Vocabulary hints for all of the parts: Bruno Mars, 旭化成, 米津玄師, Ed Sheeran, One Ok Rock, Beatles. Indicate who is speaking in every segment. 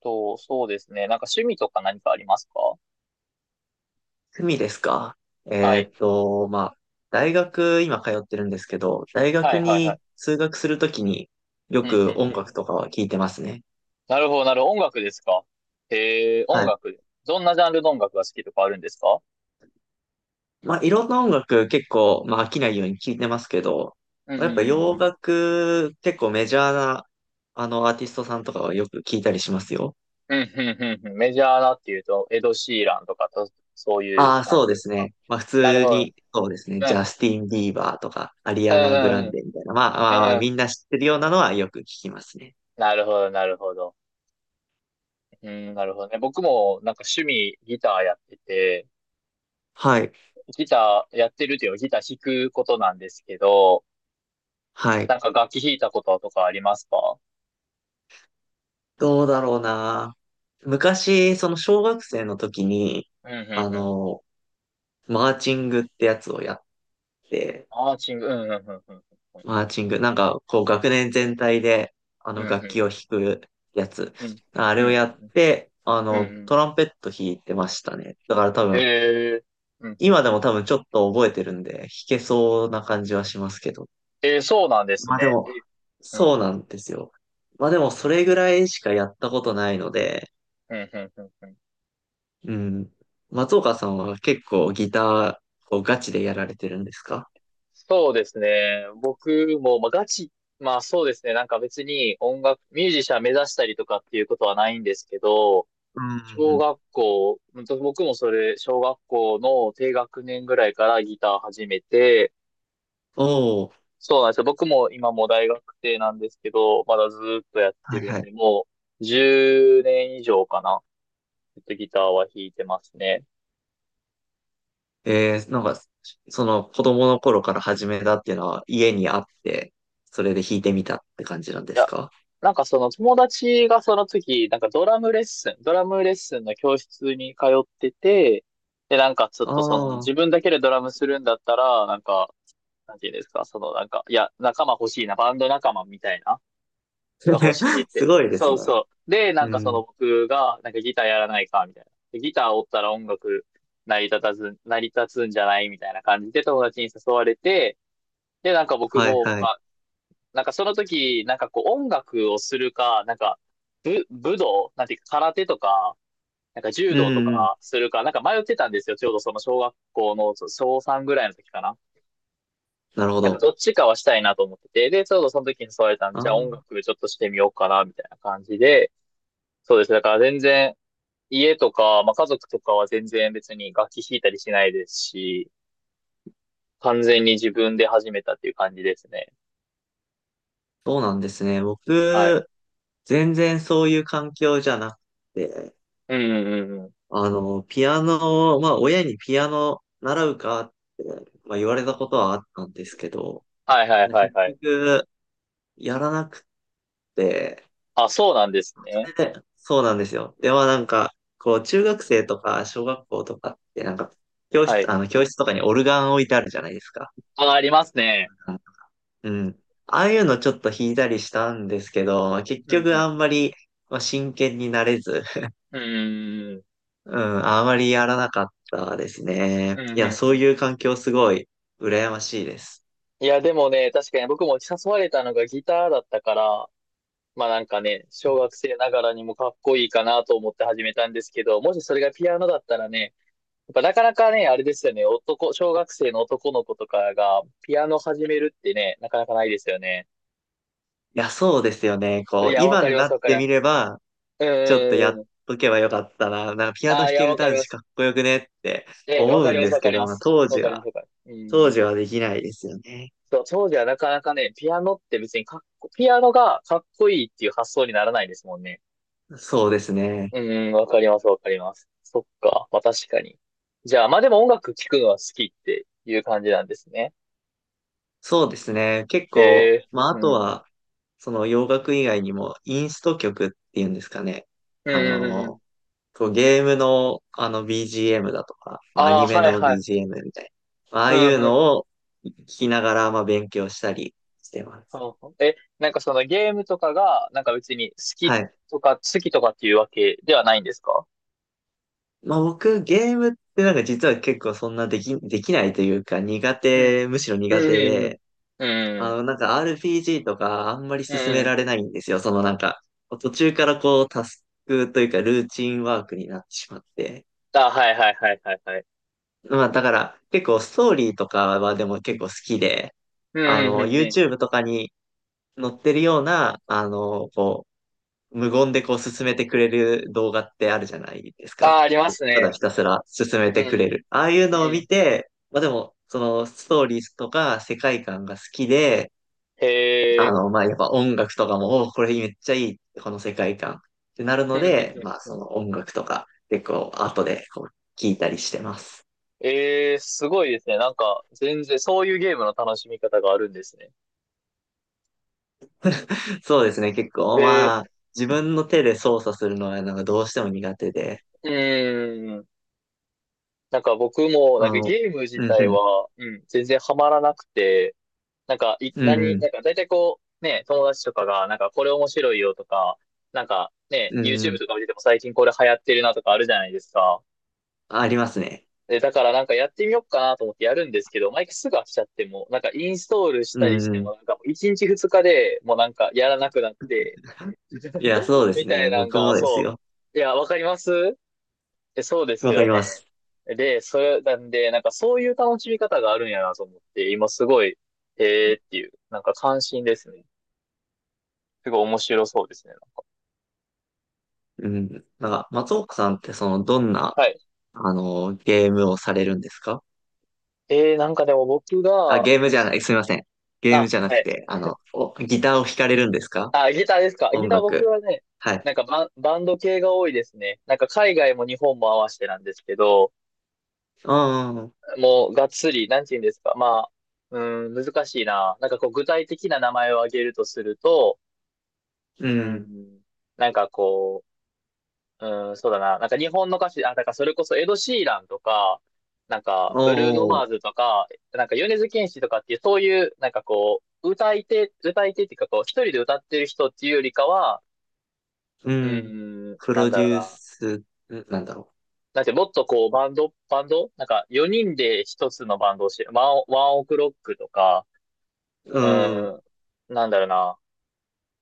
Speaker 1: と、そうですね。なんか趣味とか何かありますか？
Speaker 2: 趣味ですか。
Speaker 1: はい。
Speaker 2: まあ、大学、今通ってるんですけど、大
Speaker 1: は
Speaker 2: 学
Speaker 1: いはいはい。
Speaker 2: に通学するときによ
Speaker 1: うんうん
Speaker 2: く
Speaker 1: う
Speaker 2: 音
Speaker 1: ん。
Speaker 2: 楽とかは聞いてますね。
Speaker 1: なるほど、なるほど。音楽ですか？へえ、
Speaker 2: は
Speaker 1: 音
Speaker 2: い。
Speaker 1: 楽。どんなジャンルの音楽が好きとかあるんですか？
Speaker 2: まあ、いろんな音楽結構、まあ、飽きないように聞いてますけど、
Speaker 1: うんう
Speaker 2: や
Speaker 1: んう
Speaker 2: っぱ
Speaker 1: ん
Speaker 2: 洋
Speaker 1: うん。
Speaker 2: 楽、結構メジャーな、アーティストさんとかはよく聞いたりしますよ。
Speaker 1: うんうんうんうん。メジャーなっていうと、エド・シーランとかと、そういう
Speaker 2: ああ、
Speaker 1: 感
Speaker 2: そう
Speaker 1: じ
Speaker 2: で
Speaker 1: で
Speaker 2: す
Speaker 1: すか？
Speaker 2: ね。まあ、普
Speaker 1: なる
Speaker 2: 通
Speaker 1: ほど。
Speaker 2: に、そうですね。
Speaker 1: う
Speaker 2: ジ
Speaker 1: ん。
Speaker 2: ャスティン・ビーバーとか、アリ
Speaker 1: う
Speaker 2: ア
Speaker 1: ん
Speaker 2: ナ・グ
Speaker 1: う
Speaker 2: ラン
Speaker 1: ん
Speaker 2: デみたいな、まあ、ま
Speaker 1: う
Speaker 2: あ、
Speaker 1: ん。
Speaker 2: まあ
Speaker 1: う
Speaker 2: み
Speaker 1: ん。
Speaker 2: んな知ってるようなのはよく聞きますね。
Speaker 1: なるほど、なるほど。うん、なるほどね。僕もなんか趣味ギターやってて、
Speaker 2: はい。
Speaker 1: ギターやってるっていうのはギター弾くことなんですけど、
Speaker 2: は
Speaker 1: な
Speaker 2: い。
Speaker 1: んか楽器弾いたこととかありますか？
Speaker 2: どうだろうな。昔、その小学生の時に、
Speaker 1: うんう
Speaker 2: あ
Speaker 1: んうん。
Speaker 2: の、マーチングってやつをやって、
Speaker 1: アーチング、うんうんうんうんうん。
Speaker 2: マーチング、なんか、こう、学年全体で、
Speaker 1: うんう
Speaker 2: 楽
Speaker 1: ん
Speaker 2: 器を弾くやつ。
Speaker 1: うん。
Speaker 2: あ
Speaker 1: う
Speaker 2: れ
Speaker 1: ん
Speaker 2: を
Speaker 1: う
Speaker 2: やっ
Speaker 1: ん
Speaker 2: て、あ
Speaker 1: うん。うん
Speaker 2: の、
Speaker 1: うん。
Speaker 2: トランペット弾いてましたね。だから多分、
Speaker 1: へえ。うんうん
Speaker 2: 今で
Speaker 1: うん。
Speaker 2: も多分ちょっと覚えてるんで、弾けそうな感じはしますけど。
Speaker 1: えー、そうなんです
Speaker 2: まあで
Speaker 1: ね。
Speaker 2: も、
Speaker 1: え、うん
Speaker 2: そう
Speaker 1: うん。
Speaker 2: なんですよ。まあでも、それぐらいしかやったことないので、
Speaker 1: うんうんうんうん。
Speaker 2: うん。松岡さんは結構ギターをガチでやられてるんですか？
Speaker 1: そうですね。僕も、まあ、ガチ、まあそうですね。なんか別に音楽、ミュージシャン目指したりとかっていうことはないんですけど、
Speaker 2: うんう
Speaker 1: 小
Speaker 2: ん。
Speaker 1: 学校、僕もそれ、小学校の低学年ぐらいからギター始めて、
Speaker 2: おお、
Speaker 1: そうなんですよ。僕も今もう大学生なんですけど、まだずーっとやって
Speaker 2: はい
Speaker 1: る
Speaker 2: は
Speaker 1: ん
Speaker 2: い。
Speaker 1: で、もう10年以上かな。ずっとギターは弾いてますね。
Speaker 2: えー、なんか、その子供の頃から始めたっていうのは家にあって、それで弾いてみたって感じなんで
Speaker 1: い
Speaker 2: す
Speaker 1: や、
Speaker 2: か？
Speaker 1: なんかその友達がその時、なんかドラムレッスンの教室に通ってて、で、なんかちょっ
Speaker 2: あ
Speaker 1: とその
Speaker 2: あ
Speaker 1: 自
Speaker 2: ー、
Speaker 1: 分だけでドラムするんだったら、なんか、なんていうんですか、そのなんか、いや、仲間欲しいな、バンド仲間みたいな。が欲しい っ
Speaker 2: す
Speaker 1: て。
Speaker 2: ごいです
Speaker 1: そう
Speaker 2: ね。
Speaker 1: そう。で、な
Speaker 2: う
Speaker 1: んかそ
Speaker 2: ん。
Speaker 1: の僕が、なんかギターやらないか、みたいな。でギターおったら音楽成り立たず、成り立つんじゃないみたいな感じで友達に誘われて、で、なんか僕
Speaker 2: はい
Speaker 1: も、
Speaker 2: は
Speaker 1: ま
Speaker 2: い。
Speaker 1: あ、なんかその時、なんかこう音楽をするか、なんか武道、なんていうか空手とか、なんか柔
Speaker 2: う
Speaker 1: 道と
Speaker 2: んうん。
Speaker 1: かするか、なんか迷ってたんですよ。ちょうどその小学校のそう小3ぐらいの時かな。
Speaker 2: なるほ
Speaker 1: なんか
Speaker 2: ど。
Speaker 1: どっちかはしたいなと思ってて、で、ちょうどその時に誘われたんで、
Speaker 2: あ
Speaker 1: じゃあ音
Speaker 2: あ、
Speaker 1: 楽ちょっとしてみようかな、みたいな感じで、そうですね。だから全然、家とか、まあ、家族とかは全然別に楽器弾いたりしないですし、完全に自分で始めたっていう感じですね。
Speaker 2: そうなんですね。
Speaker 1: はい。
Speaker 2: 僕、全然そういう環境じゃなくて、
Speaker 1: うんうんうんうん。
Speaker 2: あの、ピアノを、まあ、親にピアノ習うかって、まあ、言われたことはあったんですけど、
Speaker 1: はいはいはい
Speaker 2: 結
Speaker 1: はい。
Speaker 2: 局、やらなくて、
Speaker 1: あ、そうなんです
Speaker 2: そ
Speaker 1: ね。
Speaker 2: れで、そうなんですよ。では、なんか、こう、中学生とか、小学校とかって、なんか、教
Speaker 1: は
Speaker 2: 室、
Speaker 1: い。
Speaker 2: 教室とかにオルガン置いてあるじゃないですか。
Speaker 1: あ、ありますね。
Speaker 2: うん。ああいうのちょっと弾いたりしたんですけど、結
Speaker 1: うんう
Speaker 2: 局あん
Speaker 1: ん。
Speaker 2: まり、まあ、真剣になれず、
Speaker 1: うんうん
Speaker 2: うん、あまりやらなかったですね。
Speaker 1: うん。う
Speaker 2: い
Speaker 1: んう
Speaker 2: や、
Speaker 1: んう
Speaker 2: そう
Speaker 1: ん。
Speaker 2: いう環境すごい羨ましいです。
Speaker 1: いや、でもね、確かに僕も誘われたのがギターだったから、まあなんかね、小学生ながらにもかっこいいかなと思って始めたんですけど、もしそれがピアノだったらね、っぱなかなかね、あれですよね、男、小学生の男の子とかがピアノ始めるってね、なかなかないですよね。
Speaker 2: いや、そうですよね。
Speaker 1: い
Speaker 2: こう、
Speaker 1: や、わ
Speaker 2: 今
Speaker 1: かり
Speaker 2: に
Speaker 1: ま
Speaker 2: な
Speaker 1: す、
Speaker 2: っ
Speaker 1: わかり
Speaker 2: て
Speaker 1: ま
Speaker 2: み
Speaker 1: す。
Speaker 2: れば、
Speaker 1: う
Speaker 2: ちょっとや
Speaker 1: ー
Speaker 2: っ
Speaker 1: ん。
Speaker 2: とけばよかったな。なんかピアノ
Speaker 1: あ
Speaker 2: 弾
Speaker 1: あ、い
Speaker 2: け
Speaker 1: や、
Speaker 2: る
Speaker 1: わかり
Speaker 2: 男
Speaker 1: ま
Speaker 2: 子か
Speaker 1: す。
Speaker 2: っこよくねって
Speaker 1: え、わ
Speaker 2: 思う
Speaker 1: かり
Speaker 2: ん
Speaker 1: ま
Speaker 2: で
Speaker 1: す、
Speaker 2: す
Speaker 1: わか
Speaker 2: け
Speaker 1: り
Speaker 2: ど、
Speaker 1: ま
Speaker 2: まあ、
Speaker 1: す。
Speaker 2: 当
Speaker 1: わ
Speaker 2: 時
Speaker 1: かりま
Speaker 2: は、
Speaker 1: す、わかります。
Speaker 2: 当
Speaker 1: う
Speaker 2: 時
Speaker 1: ん。
Speaker 2: はできないですよね。
Speaker 1: そう、当時はなかなかね、ピアノって別にかっこ、ピアノがかっこいいっていう発想にならないですもんね。
Speaker 2: そうですね。
Speaker 1: うん、わかります、わかります。そっか、まあ確かに。じゃあ、まあでも音楽聴くのは好きっていう感じなんですね。
Speaker 2: そうですね。結構、
Speaker 1: へえ、
Speaker 2: まあ、あ
Speaker 1: う
Speaker 2: と
Speaker 1: ん。
Speaker 2: は、その洋楽以外にも、インスト曲っていうんですかね。
Speaker 1: う
Speaker 2: あ
Speaker 1: ん、うん、うん。
Speaker 2: の、こうゲームのあの BGM だとか、ア
Speaker 1: ああ、
Speaker 2: ニメ
Speaker 1: はい、
Speaker 2: の
Speaker 1: はい。
Speaker 2: BGM みたいな、まああ
Speaker 1: う
Speaker 2: いう
Speaker 1: んうん。
Speaker 2: のを聞きながらまあ勉強したりしてます。
Speaker 1: ほうほう、え、なんかそのゲームとかが、なんか別に
Speaker 2: はい。
Speaker 1: 好きとかっていうわけではないんですか？
Speaker 2: まあ僕ゲームってなんか実は結構そんなできないというか
Speaker 1: うん。
Speaker 2: むしろ
Speaker 1: う
Speaker 2: 苦手
Speaker 1: ん。
Speaker 2: で、
Speaker 1: うんう
Speaker 2: あ
Speaker 1: ん。
Speaker 2: のなんか RPG とかあんまり
Speaker 1: う
Speaker 2: 進め
Speaker 1: ん。う
Speaker 2: ら
Speaker 1: ん。
Speaker 2: れないんですよ。そのなんか途中からこうタスクというかルーチンワークになってしまって。
Speaker 1: あ、はいはいはいはいはい。
Speaker 2: まあだから結構ストーリーとかはでも
Speaker 1: う
Speaker 2: 結
Speaker 1: ん。
Speaker 2: 構好きで、
Speaker 1: う
Speaker 2: あ
Speaker 1: ん。うん。う
Speaker 2: の
Speaker 1: ん。うん。
Speaker 2: YouTube とかに乗ってるような、あの、こう、無言でこう進めてくれる動画ってあるじゃないです
Speaker 1: あ、
Speaker 2: か。
Speaker 1: あります
Speaker 2: ただ
Speaker 1: ね。
Speaker 2: ひたすら進め
Speaker 1: う
Speaker 2: てくれ
Speaker 1: ん。
Speaker 2: る。ああいう
Speaker 1: う
Speaker 2: のを見
Speaker 1: ん。
Speaker 2: て、まあでも、そのストーリーとか世界観が好きで、
Speaker 1: へ
Speaker 2: あ
Speaker 1: え。
Speaker 2: の、まあやっぱ音楽とかも、おーこれめっちゃいい、この世界観ってなる
Speaker 1: う
Speaker 2: の
Speaker 1: ん。うん。
Speaker 2: で、
Speaker 1: うん。
Speaker 2: まあ
Speaker 1: う
Speaker 2: そ
Speaker 1: ん。
Speaker 2: の音楽とか結構後でこう聞いたりしてます。
Speaker 1: えー、すごいですね。なんか、全然、そういうゲームの楽しみ方があるんですね。
Speaker 2: そうですね、結構まあ
Speaker 1: え
Speaker 2: 自分の手で操作するのはなんかどうしても苦手で、
Speaker 1: ー、うーん。なんか僕も、な
Speaker 2: あ
Speaker 1: んか
Speaker 2: の、
Speaker 1: ゲーム自
Speaker 2: うん
Speaker 1: 体
Speaker 2: うん、
Speaker 1: は、うん、全然ハマらなくて、なんか、い、
Speaker 2: うんう
Speaker 1: 何、
Speaker 2: ん。
Speaker 1: なんか大体こう、ね、友達とかが、なんかこれ面白いよとか、なんかね、
Speaker 2: う
Speaker 1: YouTube
Speaker 2: ん。
Speaker 1: とか見てても最近これ流行ってるなとかあるじゃないですか。
Speaker 2: ありますね。
Speaker 1: で、だからなんかやってみようかなと思ってやるんですけど、毎回すぐ飽きちゃっても、なんかインストールし
Speaker 2: う
Speaker 1: たりして
Speaker 2: ん。
Speaker 1: も、なんか1日2日でもうなんかやらなくなって、
Speaker 2: いや、そうです
Speaker 1: みたい
Speaker 2: ね。
Speaker 1: なん
Speaker 2: 僕
Speaker 1: が、
Speaker 2: もです
Speaker 1: そ
Speaker 2: よ。
Speaker 1: う。いや、わかります。え、そうです
Speaker 2: わか
Speaker 1: よ
Speaker 2: りま
Speaker 1: ね。
Speaker 2: す。
Speaker 1: で、それ、なんで、なんかそういう楽しみ方があるんやなと思って、今すごい、へえっていう、なんか関心ですね。すごい面白そうですね。
Speaker 2: うん。なんか、松岡さんって、その、どんな、
Speaker 1: はい。
Speaker 2: ゲームをされるんですか？
Speaker 1: えー、なんかでも僕
Speaker 2: あ、
Speaker 1: が、
Speaker 2: ゲーム
Speaker 1: ま
Speaker 2: じゃない、すみません。ゲーム
Speaker 1: あ、
Speaker 2: じゃな
Speaker 1: は
Speaker 2: く
Speaker 1: い。
Speaker 2: て、あの、お、ギターを弾かれるんですか？
Speaker 1: あ、ギターですか。ギ
Speaker 2: 音
Speaker 1: ター僕
Speaker 2: 楽。
Speaker 1: はね、
Speaker 2: はい。
Speaker 1: なんかバンド系が多いですね。なんか海外も日本も合わせてなんですけど、
Speaker 2: ああ、
Speaker 1: もうがっつり、なんて言うんですか。まあ、うん、難しいな。なんかこう具体的な名前を挙げるとすると、
Speaker 2: う
Speaker 1: う
Speaker 2: ん。
Speaker 1: ん、なんかこう、うん、そうだな。なんか日本の歌手、あ、だからそれこそエド・シーランとか、なんかブルーノ・
Speaker 2: お
Speaker 1: マ
Speaker 2: ー、
Speaker 1: ーズとか、なんか米津玄師とかっていう、そういう、なんかこう、歌い手っていうかこう、一人で歌ってる人っていうよりかは、
Speaker 2: う
Speaker 1: う
Speaker 2: ん。
Speaker 1: ん、
Speaker 2: プ
Speaker 1: なん
Speaker 2: ロ
Speaker 1: だ
Speaker 2: デ
Speaker 1: ろう
Speaker 2: ュー
Speaker 1: な。
Speaker 2: ス、んなんだろ
Speaker 1: だってもっとこう、バンドなんか4人で一つのバンドをして、ワンオクロックとか、
Speaker 2: う。う
Speaker 1: う
Speaker 2: ん。
Speaker 1: ん、なんだろうな。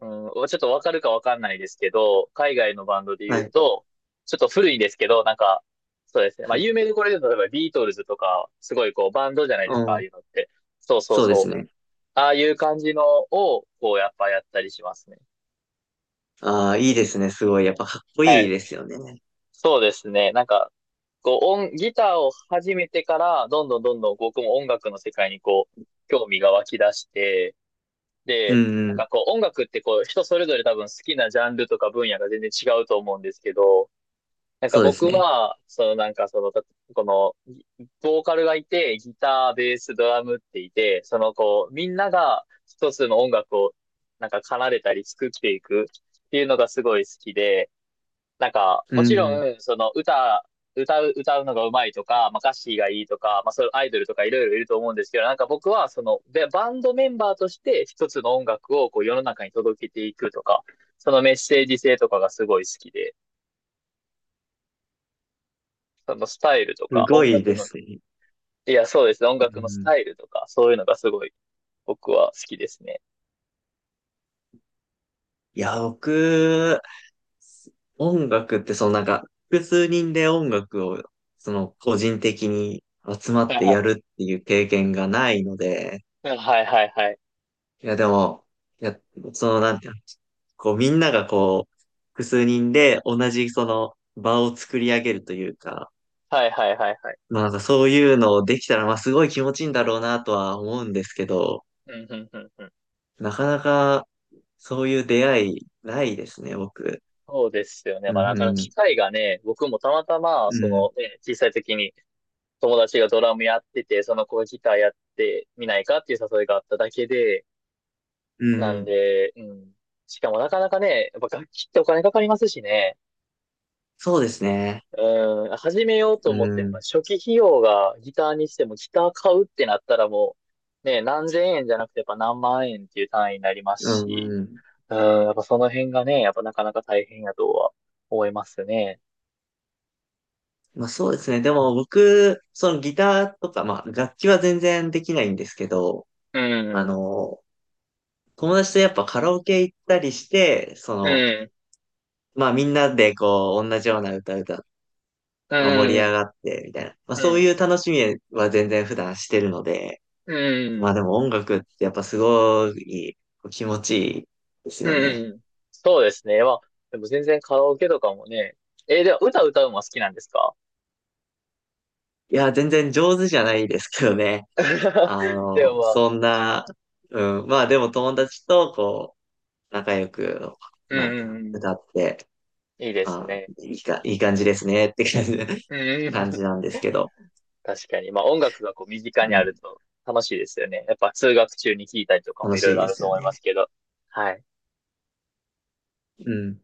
Speaker 1: うん、ちょっとわかるかわかんないですけど、海外のバンドで言
Speaker 2: は
Speaker 1: う
Speaker 2: い。
Speaker 1: と、ちょっと古いですけど、なんか、そうですね。まあ、
Speaker 2: はい。
Speaker 1: 有名でこれで言うと、例えばビートルズとか、すごいこう、バンドじゃないで
Speaker 2: う
Speaker 1: すか、ああい
Speaker 2: ん。
Speaker 1: うのって。そうそう
Speaker 2: そうです
Speaker 1: そう。
Speaker 2: ね。
Speaker 1: ああいう感じのを、こう、やっぱやったりしますね。
Speaker 2: ああ、いいですね。すごい。やっぱかっこ
Speaker 1: は
Speaker 2: いい
Speaker 1: い。
Speaker 2: ですよね。
Speaker 1: そうですね。なんか、こう、音、ギターを始めてから、どんどんどんどん僕も音楽の世界にこう、興味が湧き出して、
Speaker 2: う
Speaker 1: で、
Speaker 2: ん
Speaker 1: な
Speaker 2: う
Speaker 1: ん
Speaker 2: ん。
Speaker 1: かこう、音楽ってこう、人それぞれ多分好きなジャンルとか分野が全然違うと思うんですけど、なんか
Speaker 2: そうです
Speaker 1: 僕
Speaker 2: ね。
Speaker 1: は、そのなんかその、た、この、ギボーカルがいて、ギター、ベース、ドラムっていて、そのこう、みんなが一つの音楽をなんか奏でたり作っていくっていうのがすごい好きで、なんか、
Speaker 2: う
Speaker 1: もちろ
Speaker 2: ん
Speaker 1: ん、その歌、歌うのが上手いとか、まあ、歌詞がいいとか、まあ、そういうアイドルとかいろいろいると思うんですけど、なんか僕はその、で、バンドメンバーとして一つの音楽をこう世の中に届けていくとか、そのメッセージ性とかがすごい好きで、そのスタイルと
Speaker 2: す
Speaker 1: か、
Speaker 2: ご
Speaker 1: 音
Speaker 2: い
Speaker 1: 楽
Speaker 2: で
Speaker 1: の、
Speaker 2: すね。
Speaker 1: いや、そうですね。音
Speaker 2: う
Speaker 1: 楽のス
Speaker 2: ん。
Speaker 1: タイルとか、そういうのがすごい僕は好きですね。
Speaker 2: いや、僕、音楽ってそのなんか、複数人で音楽を、その個人的に集ま
Speaker 1: は
Speaker 2: って
Speaker 1: い
Speaker 2: やるっていう経験がないので、
Speaker 1: はいはいはい。
Speaker 2: いや、でも、いや、そのなんていうの、こうみんながこう、複数人で同じその場を作り上げるというか、
Speaker 1: はいはいはいはい。
Speaker 2: まあなんかそういうのをできたら、まあすごい気持ちいいんだろうなとは思うんですけど、
Speaker 1: うんうんうんうん。
Speaker 2: なかなか、そういう出会いないですね、僕。
Speaker 1: そうですよね。
Speaker 2: う
Speaker 1: まあ
Speaker 2: ん、
Speaker 1: な
Speaker 2: う
Speaker 1: かなか機
Speaker 2: ん、
Speaker 1: 会がね、僕もたまたま、
Speaker 2: う
Speaker 1: そ
Speaker 2: ん、
Speaker 1: のね、小さい時に友達がドラムやってて、その子がギターやってみないかっていう誘いがあっただけで、
Speaker 2: う
Speaker 1: なん
Speaker 2: ん。
Speaker 1: で、うん。しかもなかなかね、やっぱ楽器ってお金かかりますしね。
Speaker 2: そうですね。
Speaker 1: うん、始めようと
Speaker 2: う
Speaker 1: 思っても、
Speaker 2: ん、
Speaker 1: 初期費用がギターにしても、ギター買うってなったらもう、ね、何千円じゃなくて、やっぱ何万円っていう単位になります
Speaker 2: う
Speaker 1: し、
Speaker 2: ん、うん。
Speaker 1: うん、やっぱその辺がね、やっぱなかなか大変やとは思いますね。
Speaker 2: まあそうですね。でも僕、そのギターとか、まあ楽器は全然できないんですけど、
Speaker 1: う
Speaker 2: あ
Speaker 1: ん、
Speaker 2: の、友達とやっぱカラオケ行ったりして、そ
Speaker 1: う
Speaker 2: の、
Speaker 1: ん、
Speaker 2: まあみんなでこう、同じような歌歌、
Speaker 1: う
Speaker 2: まあ、盛
Speaker 1: ん、
Speaker 2: り
Speaker 1: う
Speaker 2: 上
Speaker 1: ん、
Speaker 2: がって、みたいな。まあそういう楽しみは全然普段してるので、
Speaker 1: う
Speaker 2: まあで
Speaker 1: ん、
Speaker 2: も音楽ってやっぱすごいこう気持ちいいですよね。
Speaker 1: うん。そうですね。まあ、でも全然カラオケとかもね、えー、では歌歌うのは好きなんですか？
Speaker 2: いや、全然上手じゃないですけどね。あ
Speaker 1: でも
Speaker 2: の、
Speaker 1: まあ、
Speaker 2: そんな、うん、まあでも友達とこう、仲良く、
Speaker 1: うん、
Speaker 2: なんて
Speaker 1: う
Speaker 2: いう
Speaker 1: ん
Speaker 2: の、
Speaker 1: うん、
Speaker 2: 歌って、
Speaker 1: いいです
Speaker 2: あ、
Speaker 1: ね。
Speaker 2: いいか、いい感じですねって感じ、
Speaker 1: う
Speaker 2: 感
Speaker 1: ん、
Speaker 2: じなんですけど、
Speaker 1: 確かに。まあ音楽がこう身近
Speaker 2: う
Speaker 1: にある
Speaker 2: ん、
Speaker 1: と楽しいですよね。やっぱ通学中に聴いたりとかも
Speaker 2: 楽
Speaker 1: いろ
Speaker 2: し
Speaker 1: い
Speaker 2: い
Speaker 1: ろあ
Speaker 2: で
Speaker 1: る
Speaker 2: す
Speaker 1: と
Speaker 2: よ
Speaker 1: 思います
Speaker 2: ね。
Speaker 1: けど。はい。
Speaker 2: うん。